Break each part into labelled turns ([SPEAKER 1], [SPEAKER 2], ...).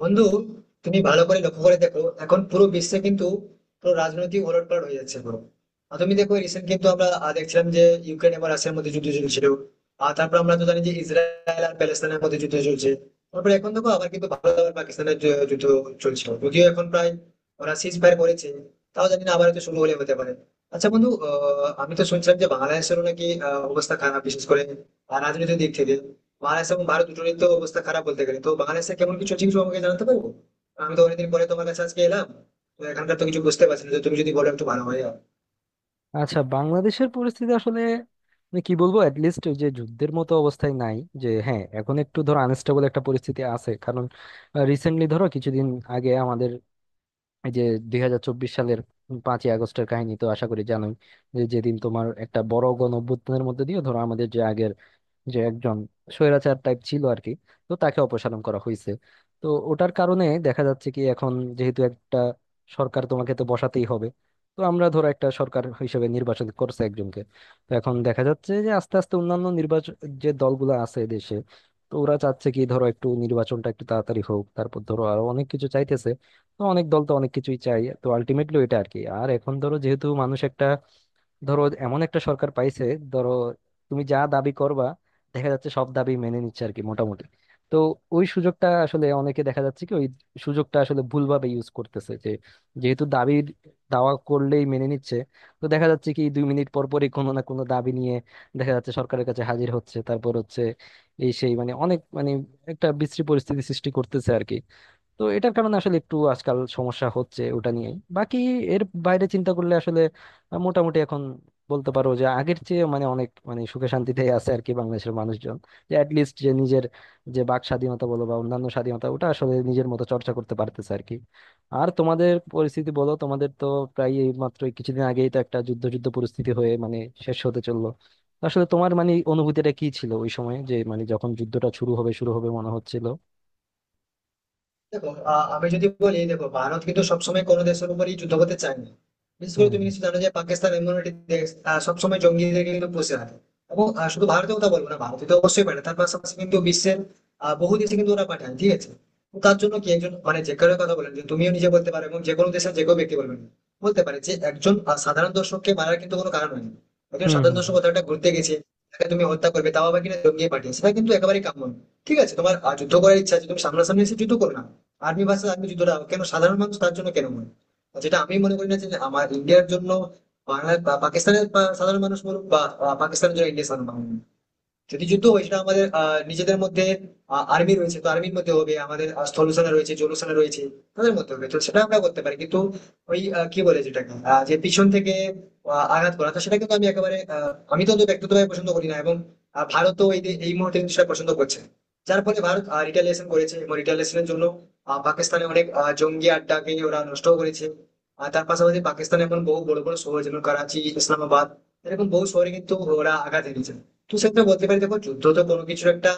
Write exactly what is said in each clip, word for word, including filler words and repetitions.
[SPEAKER 1] বন্ধু, তুমি ভালো করে লক্ষ্য করে দেখো এখন পুরো বিশ্বে কিন্তু পুরো রাজনৈতিক ওলটপালট হয়ে যাচ্ছে পুরো। আর তুমি দেখো রিসেন্ট কিন্তু আমরা আহ, দেখছিলাম যে ইউক্রেন এবং রাশিয়ার মধ্যে যুদ্ধ চলছিল। আর তারপর আমরা তো জানি যে ইসরায়েল আর প্যালেস্তানের মধ্যে যুদ্ধ চলছে। তারপরে এখন দেখো আবার কিন্তু ভারত আর পাকিস্তানের যু- যুদ্ধ চলছে, যদিও এখন প্রায় ওরা সিজ ফায়ার করেছে। তাও জানি না, আবার হয়তো শুরু হলে হতে পারে। আচ্ছা বন্ধু, আহ, আমি তো শুনছিলাম যে বাংলাদেশেরও নাকি আহ, অবস্থা খারাপ, বিশেষ করে আহ, রাজনৈতিক দিক থেকে। বাংলাদেশ এবং ভারত দুটোরই তো অবস্থা খারাপ বলতে গেলে, তো বাংলাদেশে কেমন কিছু চিকিৎসা আমাকে জানাতে পারবো। আমি তো অনেকদিন পরে তোমার কাছে আজকে এলাম, তো এখানকার তো কিছু বুঝতে পারছি না, তো তুমি যদি বলো একটু ভালো হয় আর কি।
[SPEAKER 2] আচ্ছা, বাংলাদেশের পরিস্থিতি আসলে মানে কি বলবো, অ্যাটলিস্ট যে যুদ্ধের মতো অবস্থায় নাই। যে হ্যাঁ এখন একটু ধরো আনস্টেবল একটা পরিস্থিতি আছে, কারণ রিসেন্টলি ধরো কিছুদিন আগে আমাদের এই যে দুই হাজার চব্বিশ সালের পাঁচই আগস্টের কাহিনী তো আশা করি জানোই, যে যেদিন তোমার একটা বড় গণ অভ্যুত্থানের মধ্যে দিয়ে ধরো আমাদের যে আগের যে একজন স্বৈরাচার টাইপ ছিল আর কি, তো তাকে অপসারণ করা হয়েছে। তো ওটার কারণে দেখা যাচ্ছে কি এখন যেহেতু একটা সরকার তোমাকে তো বসাতেই হবে, তো আমরা ধরো একটা সরকার হিসেবে নির্বাচন করছে একজনকে। তো এখন দেখা যাচ্ছে যে আস্তে আস্তে অন্যান্য নির্বাচন যে দলগুলো আছে দেশে, তো ওরা চাচ্ছে কি ধরো একটু নির্বাচনটা একটু তাড়াতাড়ি হোক, তারপর ধরো আরো অনেক কিছু চাইতেছে। তো অনেক দল তো অনেক কিছুই চাই, তো আলটিমেটলি এটা আর কি। আর এখন ধরো যেহেতু মানুষ একটা ধরো এমন একটা সরকার পাইছে, ধরো তুমি যা দাবি করবা দেখা যাচ্ছে সব দাবি মেনে নিচ্ছে আর কি মোটামুটি। তো ওই সুযোগটা আসলে অনেকে দেখা যাচ্ছে কি ওই সুযোগটা আসলে ভুলভাবে ইউজ করতেছে, যে যেহেতু দাবি দাওয়া করলেই মেনে নিচ্ছে, তো দেখা যাচ্ছে কি দুই মিনিট পর পরই কোনো না কোনো দাবি নিয়ে দেখা যাচ্ছে সরকারের কাছে হাজির হচ্ছে, তারপর হচ্ছে এই সেই, মানে অনেক মানে একটা বিশ্রী পরিস্থিতি সৃষ্টি করতেছে আর কি। তো এটার কারণে আসলে একটু আজকাল সমস্যা হচ্ছে ওটা নিয়ে। বাকি এর বাইরে চিন্তা করলে আসলে আহ, মোটামুটি এখন বলতে পারো যে আগের চেয়ে মানে অনেক মানে সুখে শান্তিতে আছে আর কি বাংলাদেশের মানুষজন। যে অ্যাটলিস্ট যে নিজের যে বাক স্বাধীনতা বলো বা অন্যান্য স্বাধীনতা ওটা আসলে নিজের মতো চর্চা করতে পারতেছে আর কি। আর তোমাদের পরিস্থিতি বলো, তোমাদের তো প্রায় এই মাত্র কিছুদিন আগেই তো একটা যুদ্ধ যুদ্ধ পরিস্থিতি হয়ে মানে শেষ হতে চললো। আসলে তোমার মানে অনুভূতিটা কি ছিল ওই সময়, যে মানে যখন যুদ্ধটা শুরু হবে শুরু হবে মনে হচ্ছিল।
[SPEAKER 1] দেখো, আহ, আমি যদি বলি, দেখো ভারত কিন্তু সবসময় কোনো দেশের উপরই যুদ্ধ করতে চায় না। বিশেষ করে
[SPEAKER 2] হুম
[SPEAKER 1] তুমি নিশ্চয়ই জানো যে পাকিস্তান এমন একটি দেশ, আহ, সবসময় জঙ্গিদের কিন্তু পুষে রাখে। এবং আহ, শুধু ভারতের কথা বলবো না, ভারতে তো অবশ্যই পাঠায়, তার পাশাপাশি কিন্তু বিশ্বের আহ, বহু দেশে কিন্তু ওরা পাঠায়, ঠিক আছে। তো তার জন্য কি একজন মানে, যে কারো কথা বলেন, যে তুমিও নিজে বলতে পারো এবং যে কোনো দেশের যে কেউ ব্যক্তি বলবেন, বলতে পারে যে একজন আহ, সাধারণ দর্শককে মারার কিন্তু কোনো কারণ হয়নি। একজন
[SPEAKER 2] হুম
[SPEAKER 1] সাধারণ
[SPEAKER 2] হুম
[SPEAKER 1] দর্শক
[SPEAKER 2] হুম।
[SPEAKER 1] কোথাও একটা ঘুরতে গেছে, তাকে তুমি হত্যা করবে, তাও আবার কিনা জঙ্গি পাঠিয়ে, সেটা কিন্তু একেবারেই কাম্য নয়। ঠিক আছে, তোমার আহ, যুদ্ধ করার ইচ্ছা আছে, তুমি সামনাসামনি এসে যুদ্ধ করো না। আর্মি ভার্সেস আর্মি যুদ্ধটা, কেন সাধারণ মানুষ, তার জন্য কেন মনে। আর যেটা আমি মনে করি না যে আমার ইন্ডিয়ার জন্য বাংলার বা পাকিস্তানের পা- সাধারণ মানুষ বলুক, বা বা পাকিস্তানের জন্য ইন্ডিয়ার সাধারণ মানুষ, যদি যুদ্ধ হয় সেটা আমাদের আহ, নিজেদের মধ্যে আর্মি রয়েছে, তো আর্মির মধ্যে হবে, আমাদের আহ, স্থল সেনা রয়েছে, জল সেনা রয়েছে, তাদের মধ্যে হবে, তো সেটা আমরা করতে পারি। কিন্তু ওই আহ, কি বলে যেটাকে, আহ, যে পিছন থেকে আহ, আঘাত করা, তো সেটা কিন্তু আমি একেবারে, আহ, আমি তো অন্তত ব্যক্তিগতভাবে পছন্দ করি না, এবং আহ, ভারতও এই যে- এই মুহূর্তে কিন্তু সেটা পছন্দ করছে না। যার ফলে ভারত রিটালিয়েশন করেছে, এবং রিটালিয়েশনের জন্য আহ, পাকিস্তানে অনেক আহ, জঙ্গি আড্ডাকে ওরা নষ্ট করেছে। আর তার পাশাপাশি পাকিস্তানে এখন বহু বড় বড় শহর, যেমন করাচি, ইসলামাবাদ, এরকম বহু শহরে কিন্তু ওরা আঘাত এনেছে। তো সেক্ষেত্রে বলতে পারি, দেখো যুদ্ধ তো কোনো কিছুর একটা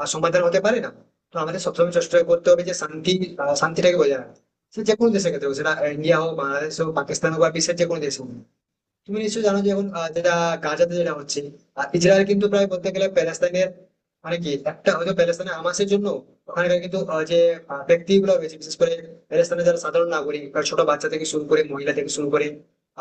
[SPEAKER 1] আহ, সমাধান হতে পারে না। তো আমাদের সবসময় চেষ্টা করতে হবে যে শান্তি আহ, শান্তিটাকে বজায় রাখা। সে যে কোনো দেশের ক্ষেত্রে হোক, সেটা ইন্ডিয়া হোক, বাংলাদেশ হোক, পাকিস্তান হোক, বা বিশ্বের যে কোনো দেশ হোক। তুমি নিশ্চয়ই জানো যে এখন আহ, যেটা গাজাতে যেটা হচ্ছে, আর ইসরায়েল কিন্তু প্রায় বলতে গেলে প্যালেস্তাইনের, মানে কি একটা হয়তো প্যালেস্তাইনে হামাসের জন্য ওখানকার কিন্তু আহ, যে আহ, ব্যক্তিগুলো রয়েছে, বিশেষ করে প্যালেস্তাইনের যারা সাধারণ নাগরিক, বা ছোট বাচ্চা থেকে শুরু করে মহিলা থেকে শুরু করে,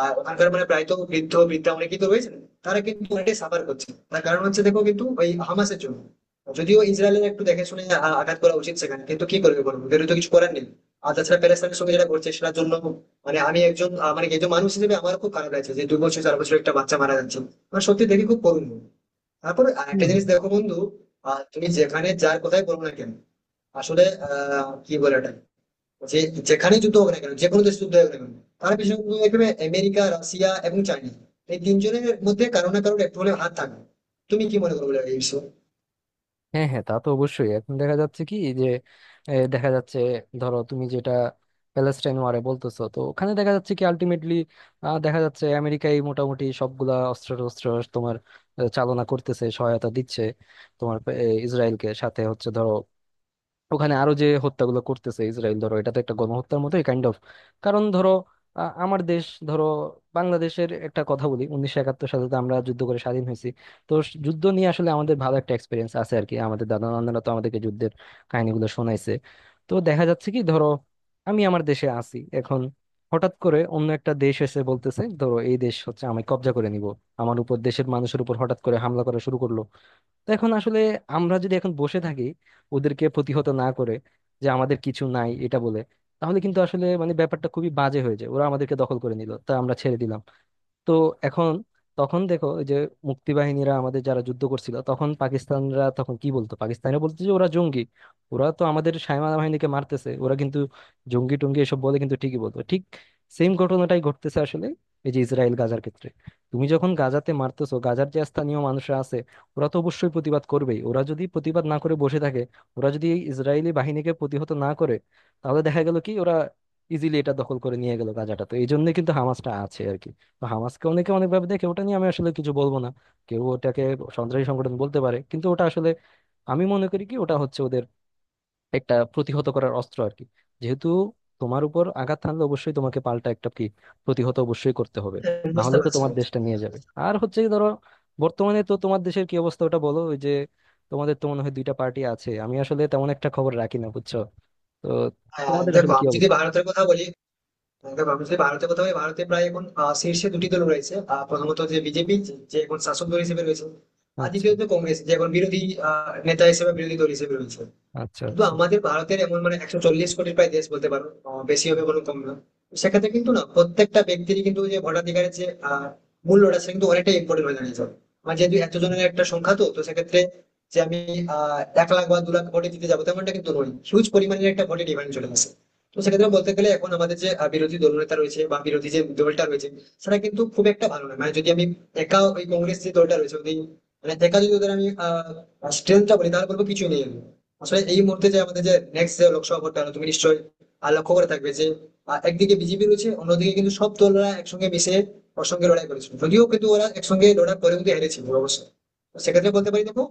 [SPEAKER 1] আর ওখানকার মানে প্রায় তো বৃদ্ধ বৃদ্ধা অনেকেই তো রয়েছেন, তারা কিন্তু অনেকটাই সাফার করছে। তার কারণ হচ্ছে দেখো, কিন্তু ওই হামাসের জন্য, যদিও ইসরায়েলের একটু দেখে শুনে আ- আঘাত করা উচিত সেখানে, কিন্তু কি করবে বলবো, ওদেরও তো কিছু করার নেই। আর তাছাড়া প্যালেস্তাইনের সঙ্গে যেটা করছে সেটার জন্য, মানে আমি একজন, আহ, মানে একজন মানুষ হিসেবে আমার খুব খারাপ লাগছে যে দুই বছর চার বছর একটা বাচ্চা মারা যাচ্ছে। মানে সত্যি দেখে খুব করুণ। তারপর
[SPEAKER 2] হম
[SPEAKER 1] একটা জিনিস
[SPEAKER 2] হম।
[SPEAKER 1] দেখো বন্ধু, আহ, তুমি যেখানে যার কথাই বলো না কেন, আসলে আহ, কি বলে এটা, যে যেখানে যুদ্ধ হোক না কেন, যে কোনো দেশে যুদ্ধ হোক না কেন, তার পিছনে তুমি দেখবে আমেরিকা, রাশিয়া এবং চাইনা, এই তিনজনের মধ্যে কারো না কারোর একটু হলেও হাত থাকবে। তুমি কি মনে করো বলো এই বিষয়ে?
[SPEAKER 2] হ্যাঁ হ্যাঁ, তা তো অবশ্যই। এখন দেখা যাচ্ছে কি যে এ, দেখা যাচ্ছে ধরো তুমি যেটা প্যালেস্টাইন ওয়ারে বলতেছো, তো ওখানে দেখা যাচ্ছে কি আলটিমেটলি দেখা যাচ্ছে আমেরিকাই মোটামুটি সবগুলা অস্ত্র টস্ত্র তোমার আহ, চালনা করতেছে, সহায়তা দিচ্ছে তোমার আহ, ইসরায়েলকে, সাথে হচ্ছে ধরো ওখানে আরো যে হত্যাগুলো করতেছে ইসরায়েল, ধরো এটা তো একটা গণহত্যার মতোই কাইন্ড অফ। কারণ ধরো আ- আমার দেশ, ধরো বাংলাদেশের একটা কথা বলি, উনিশশো একাত্তর সালে তো আমরা যুদ্ধ করে স্বাধীন হয়েছি। তো স- যুদ্ধ নিয়ে আসলে আমাদের ভালো একটা এক্সপিরিয়েন্স আছে আর কি, আমাদের দাদা নানারা তো আমাদেরকে যুদ্ধের কাহিনীগুলো শোনাইছে। তো দেখা যাচ্ছে কি ধরো আমি আমার দেশে আছি এখন, হঠাৎ করে অন্য একটা দেশ এসে বলতেছে ধরো এই দেশ হচ্ছে আমি কব্জা করে নিব, আমার উপর দেশের মানুষের উপর হঠাৎ করে হামলা করা শুরু করলো। তো এখন আসলে আমরা যদি এখন বসে থাকি ওদেরকে প্রতিহত না করে, যে আমাদের কিছু নাই এটা বলে, তাহলে কিন্তু আসলে মানে ব্যাপারটা খুবই বাজে হয়ে যায়। ওরা আমাদেরকে দখল করে নিল, তা আমরা ছেড়ে দিলাম। তো এখন তখন দেখো ওই যে মুক্তিবাহিনীরা আমাদের যারা যুদ্ধ করছিল, তখন পাকিস্তানরা তখন কি বলতো, পাকিস্তানে বলতো যে ওরা জঙ্গি। ওরা তো আমাদের সাইমা বাহিনীকে মারতেছে, ওরা কিন্তু জঙ্গি টঙ্গি এসব বলে কিন্তু ঠিকই বলতো। ঠিক সেম ঘটনাটাই ঘটতেছে আসলে এই যে ইসরায়েল গাজার ক্ষেত্রে। তুমি যখন গাজাতে মারতেছো, গাজার যে স্থানীয় মানুষরা আছে ওরা তো অবশ্যই প্রতিবাদ করবেই। ওরা যদি প্রতিবাদ না করে বসে থাকে, ওরা যদি এই ইসরায়েলি বাহিনীকে প্রতিহত না করে, তাহলে দেখা গেল কি ওরা ইজিলি এটা দখল করে নিয়ে গেল গাজাটা। তো এই জন্য কিন্তু হামাসটা আছে আর কি। তো হামাসকে অনেকে অনেকভাবে দেখে, ওটা নিয়ে আমি আসলে কিছু বলবো না। কেউ ওটাকে সন্ত্রাসী সংগঠন বলতে পারে, কিন্তু ওটা আসলে আমি মনে করি কি ওটা হচ্ছে ওদের একটা প্রতিহত করার অস্ত্র আর কি। যেহেতু তোমার উপর আঘাত হানলে অবশ্যই তোমাকে পাল্টা একটা কি প্রতিহত অবশ্যই করতে হবে,
[SPEAKER 1] হ্যাঁ,
[SPEAKER 2] না
[SPEAKER 1] বুঝতে
[SPEAKER 2] হলে তো
[SPEAKER 1] পারছো।
[SPEAKER 2] তোমার দেশটা নিয়ে যাবে। আর হচ্ছে কি ধরো বর্তমানে তো তোমার দেশের কি অবস্থা ওটা বলো। ওই যে তোমাদের তো মনে হয় দুইটা পার্টি আছে, আমি আসলে তেমন একটা খবর রাখি না বুঝছো। তো
[SPEAKER 1] হ্যাঁ,
[SPEAKER 2] তোমাদের
[SPEAKER 1] দেখো
[SPEAKER 2] আসলে কি
[SPEAKER 1] আমি যদি
[SPEAKER 2] অবস্থা?
[SPEAKER 1] ভারতের কথা বলি, তবে বাংলাদেশে ভারতের কথা হয়, ভারতে প্রায় এখন আহ, শীর্ষে দুটি দল রয়েছে। আহ, প্রথমত যে বিজেপি, যে এখন শাসক দল হিসেবে রয়েছে, আর
[SPEAKER 2] আচ্ছা,
[SPEAKER 1] দ্বিতীয়ত কংগ্রেস, যে এখন বিরোধী আহ, নেতা হিসেবে, বিরোধী দল হিসেবে রয়েছে।
[SPEAKER 2] আচ্ছা,
[SPEAKER 1] কিন্তু
[SPEAKER 2] আচ্ছা।
[SPEAKER 1] আমাদের ভারতের এমন মানে, একশো চল্লিশ কোটির প্রায় দেশ বলতে পারো, আহ, বেশি হবে কোনো কম না। তো সেক্ষেত্রে কিন্তু না, প্রত্যেকটা ব্যক্তিরই কিন্তু যে ভোটাধিকারের যে আহ, মূল্যটা, সেটা কিন্তু অনেকটাই ইম্পর্টেন্ট হয়ে দাঁড়িয়েছে। আমার যেহেতু এত জনের একটা সংখ্যা, তো তো সেক্ষেত্রে যে আমি আহ এক লাখ বা দু লাখ ভোটে দিতে যাবো তেমনটা কিন্তু নয়, হিউজ পরিমাণের একটা ভোটে ডিমান্ড চলে আসে। তো সেক্ষেত্রে বলতে গেলে এখন আমাদের যে আহ, বিরোধী দলনেতা রয়েছে, বা বিরোধী যে দলটা রয়েছে, সেটা কিন্তু খুব একটা ভালো নয়। মানে যদি আমি একা ওই কংগ্রেস যে দলটা রয়েছে ওদের, মানে একা যদি ওদের আমি আহ স্ট্রেংথটা বলি, তাহলে বলবো কিছুই নেই আমি। আসলে এই মুহূর্তে যে আমাদের যে নেক্সট যে লোকসভা ভোটটা হলো, তুমি নিশ্চয়ই আহ, লক্ষ্য করে থাকবে যে আহ, একদিকে বিজেপি রয়েছে, অন্যদিকে কিন্তু সব দলরা একসঙ্গে মিশে ওর সঙ্গে লড়াই করেছিল, যদিও কিন্তু ওরা একসঙ্গে লড়াই করে কিন্তু হেরেছিল অবশ্যই। তো সেক্ষেত্রে বলতে পারি, দেখো,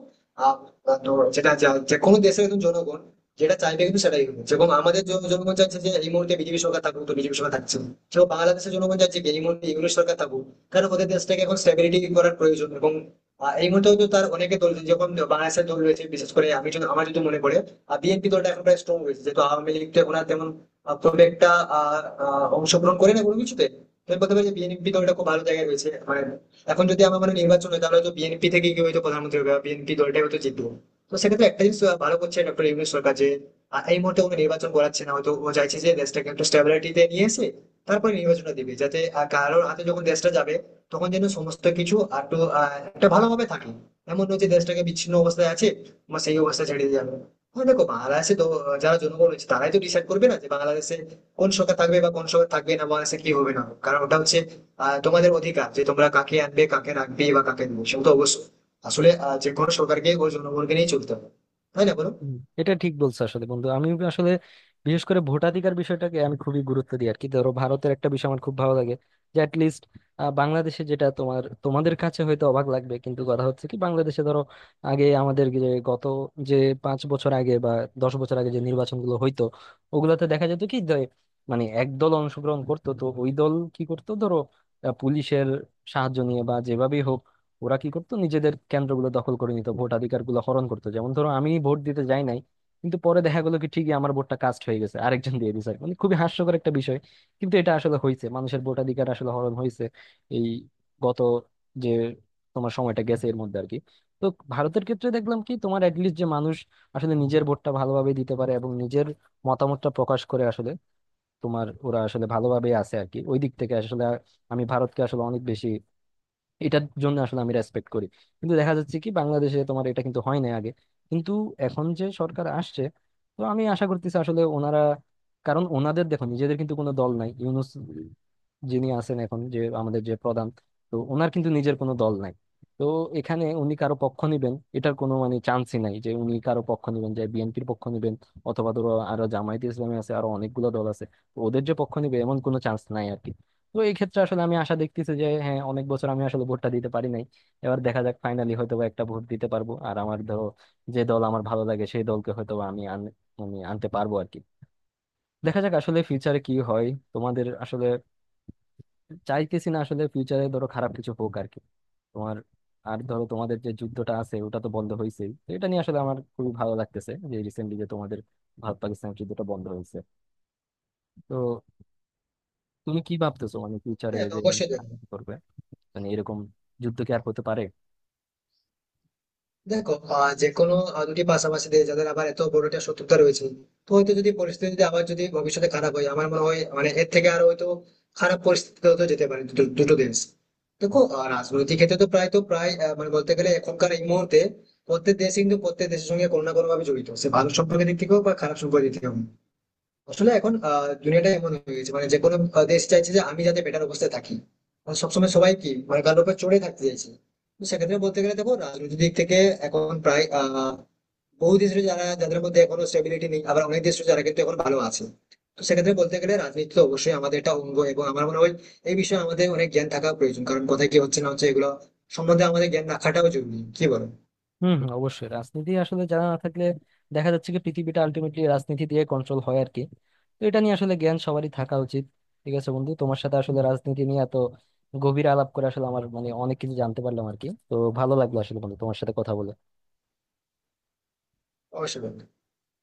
[SPEAKER 1] আহ, আহ, তো যেটা যা- যে কোনো দেশের একজন জনগণ যেটা চাইবে কিন্তু সেটাই হবে, যেমন আমাদের জন- জনগণ চাইছে যে এই মুহূর্তে বিজেপি সরকার থাকুক, তো বিজেপি সরকার থাকছে। সেরকম বাংলাদেশের জনগণ চাইছে কি এই মুহূর্তে ইংলিশ সরকার থাকুক, কারণ ওদের দেশটাকে এখন স্টেবিলিটি করার প্রয়োজন, এবং আহ, এই মুহূর্তে তো তার অনেকে দল যখন বাংলাদেশের দল রয়েছে, বিশেষ করে আমি যদি, আমার যদি মনে পড়ে, বিএনপি দলটা এখন প্রায় স্ট্রং রয়েছে, যেহেতু আওয়ামী লীগ তো এখন আর তেমন আহ, খুব একটা আহ, আহ, অংশগ্রহণ করে না কোনো কিছুতে। তো আমি বলতে পারি যে বিএনপি দলটা খুব ভালো জায়গায় রয়েছে, মানে এখন যদি আমার মানে নির্বাচন হয় তাহলে হয়তো বিএনপি থেকে কেউ হয়তো প্রধানমন্ত্রী হবে, বা বিএনপি দলটাই হয়তো জিতবো। তো সেক্ষেত্রে একটা জিনিস আহ, ভালো করছে ডক্টর ইউনূস সরকার যে আহ, এই মুহূর্তে কোনো নির্বাচন করাচ্ছে না, হয়তো ও চাইছে যে দেশটাকে একটু স্টেবিলিটিতে নিয়ে এসে তারপরে নির্বাচনটা দিবে, যাতে আহ, কারোর হাতে যখন দেশটা যাবে তখন যেন সমস্ত কিছু আর একটু আহ, একটা ভালোভাবে থাকে। এমন নয় যে দেশটাকে বিচ্ছিন্ন অবস্থায় আছে বা সেই অবস্থা ছেড়ে দিয়ে যাবে। হ্যাঁ, দেখো বাংলাদেশে তো যারা জনগণ রয়েছে তারাই তো ডিসাইড করবে না যে বাংলাদেশে কোন সরকার থাকবে বা কোন সরকার থাকবে না, বাংলাদেশে কি হবে না হবে। কারণ ওটা হচ্ছে আহ, তোমাদের অধিকার, যে তোমরা কাকে আনবে, কাকে রাখবে বা কাকে নেবে, সেটা তো অবশ্যই। আসলে আহ, যে কোনো সরকারকে ওই জনগণকে নিয়ে চলতে হবে, তাই না বলো?
[SPEAKER 2] হুম, এটা ঠিক বলছো আসলে বন্ধু। আমি আসলে বিশেষ করে ভোটাধিকার বিষয়টাকে আমি খুবই গুরুত্ব দিই আর কি। ধরো ভারতের একটা বিষয় আমার খুব ভালো লাগে যে অ্যাটলিস্ট বাংলাদেশে যেটা তোমার তোমাদের কাছে হয়তো অবাক লাগবে, কিন্তু কথা হচ্ছে কি বাংলাদেশে ধরো আগে আমাদের যে গত যে পাঁচ বছর আগে বা দশ বছর আগে যে নির্বাচনগুলো হইতো, ওগুলাতে দেখা যেত কি যে মানে এক দল অংশগ্রহণ করতো, তো ওই দল কি করতো ধরো আহ, পুলিশের সাহায্য নিয়ে বা যেভাবেই হোক ওরা কি করতো নিজেদের কেন্দ্রগুলো দখল করে নিত, ভোটাধিকার গুলো হরণ করতো। যেমন ধরো আমি ভোট দিতে যাই নাই, কিন্তু পরে দেখা গেলো কি ঠিকই আমার ভোটটা কাস্ট হয়ে গেছে, আরেকজন দিয়ে দিছে। মানে খুবই হাস্যকর একটা বিষয়, কিন্তু এটা আসলে হয়েছে, মানুষের ভোটাধিকার আসলে হরণ হয়েছে এই গত যে তোমার সময়টা গেছে এর মধ্যে আর কি। তো ভারতের ক্ষেত্রে দেখলাম কি তোমার অ্যাটলিস্ট যে মানুষ আসলে নিজের ভোটটা ভালোভাবে দিতে পারে এবং নিজের মতামতটা প্রকাশ করে আসলে। তোমার ওরা আসলে ভালোভাবে আছে আর কি ওই দিক থেকে। আসলে আমি ভারতকে আসলে অনেক বেশি এটার জন্য আসলে আমি রেসপেক্ট করি। কিন্তু দেখা যাচ্ছে কি বাংলাদেশে তোমার এটা কিন্তু হয় না আগে, কিন্তু এখন যে সরকার আসছে তো আমি আশা করতেছি আসলে ওনারা, কারণ ওনাদের দেখো নিজেদের কিন্তু কোনো দল নাই। ইউনুস যিনি আছেন এখন, যে আমাদের যে প্রধান, তো ওনার কিন্তু নিজের কোনো দল নাই। তো এখানে উনি কারো পক্ষ নিবেন এটার কোনো মানে চান্সই নাই, যে উনি কারো পক্ষ নিবেন, যে বিএনপির পক্ষ নিবেন, অথবা ধরো আরো জামায়াতে ইসলামী আছে, আরো অনেকগুলো দল আছে, তো ওদের যে পক্ষ নিবে এমন কোনো চান্স নাই আর কি। তো এই ক্ষেত্রে আসলে আমি আশা দেখতেছি যে হ্যাঁ অনেক বছর আমি আসলে ভোটটা দিতে পারি নাই, এবার দেখা যাক ফাইনালি হয়তো বা একটা ভোট দিতে পারবো। আর আমার ধরো যে দল আমার ভালো লাগে সেই দলকে হয়তো বা আমি আন- মানে আনতে পারবো আর কি। দেখা যাক আসলে ফিউচারে কি হয় তোমাদের আসলে। চাইতেছি না আসলে ফিউচারে ধরো খারাপ কিছু হোক আর কি তোমার। আর ধরো তোমাদের যে যুদ্ধটা আছে ওটা তো বন্ধ হয়েছেই, তো এটা নিয়ে আসলে আমার খুবই ভালো লাগতেছে যে রিসেন্টলি যে তোমাদের ভারত পাকিস্তানের যুদ্ধটা বন্ধ হয়েছে। তো তুমি কি ভাবতেছো মানে ফিউচারে
[SPEAKER 1] হ্যাঁ
[SPEAKER 2] যে
[SPEAKER 1] অবশ্যই। দেখো,
[SPEAKER 2] কি করবে, মানে এরকম যুদ্ধ কি আর হতে পারে?
[SPEAKER 1] দেখো আহ, যে কোনো আহ, দুটি পাশাপাশি দিয়ে যাদের আবার এত বড় একটা শত্রুতা রয়েছে, তো হয়তো যদি পরিস্থিতি যদি আবার যদি ভবিষ্যতে খারাপ হয়, আমার মনে হয় মানে এর থেকে আরো হয়তো খারাপ পরিস্থিতি হতে যেতে পারে দুটো দুটো দেশ। দেখো, আহ, রাজনৈতিক ক্ষেত্রে তো প্রায় তো প্রায় আহ, মানে বলতে গেলে এখনকার এই মুহূর্তে প্রত্যেক দেশ কিন্তু প্রত্যেক দেশের সঙ্গে কোনো না কোনো ভাবে জড়িত, সে ভালো সম্পর্কের দিক থেকেও বা খারাপ সম্পর্কের দিক থেকেও। আসলে এখন আহ, দুনিয়াটা এমন হয়ে গেছে, মানে যে কোনো আহ, দেশ চাইছে যে আমি যাতে বেটার অবস্থায় থাকি, মানে সবসময় সবাই কি মানে কারোর উপর চড়ে থাকতে চাইছে। তো সেক্ষেত্রে বলতে গেলে, দেখো রাজনৈতিক দিক থেকে এখন প্রায় আহ বহু দেশ রয়েছে যারা, যাদের মধ্যে এখনো স্টেবিলিটি নেই, আবার অনেক দেশ রয়েছে যারা কিন্তু এখন ভালো আছে। তো সেক্ষেত্রে বলতে গেলে রাজনীতি তো অবশ্যই আমাদের একটা অঙ্গ, এবং আমার মনে হয় এই বিষয়ে আমাদের অনেক জ্ঞান থাকা প্রয়োজন, কারণ কোথায় কি হচ্ছে না হচ্ছে এগুলো সম্বন্ধে আমাদের জ্ঞান রাখাটাও জরুরি, কি বলো?
[SPEAKER 2] হম হম, অবশ্যই। রাজনীতি আসলে জানা না থাকলে দেখা যাচ্ছে কি পৃথিবীটা আলটিমেটলি রাজনীতি দিয়ে কন্ট্রোল হয় আর কি। তো এটা নিয়ে আসলে জ্ঞান সবারই থাকা উচিত। ঠিক আছে বন্ধু, তোমার সাথে আসলে রাজনীতি নিয়ে এত গভীর আলাপ করে আসলে আমার মানে অনেক কিছু জানতে পারলাম আর কি। তো ভালো লাগলো আসলে বন্ধু তোমার সাথে কথা বলে।
[SPEAKER 1] অবশ্যই বলো।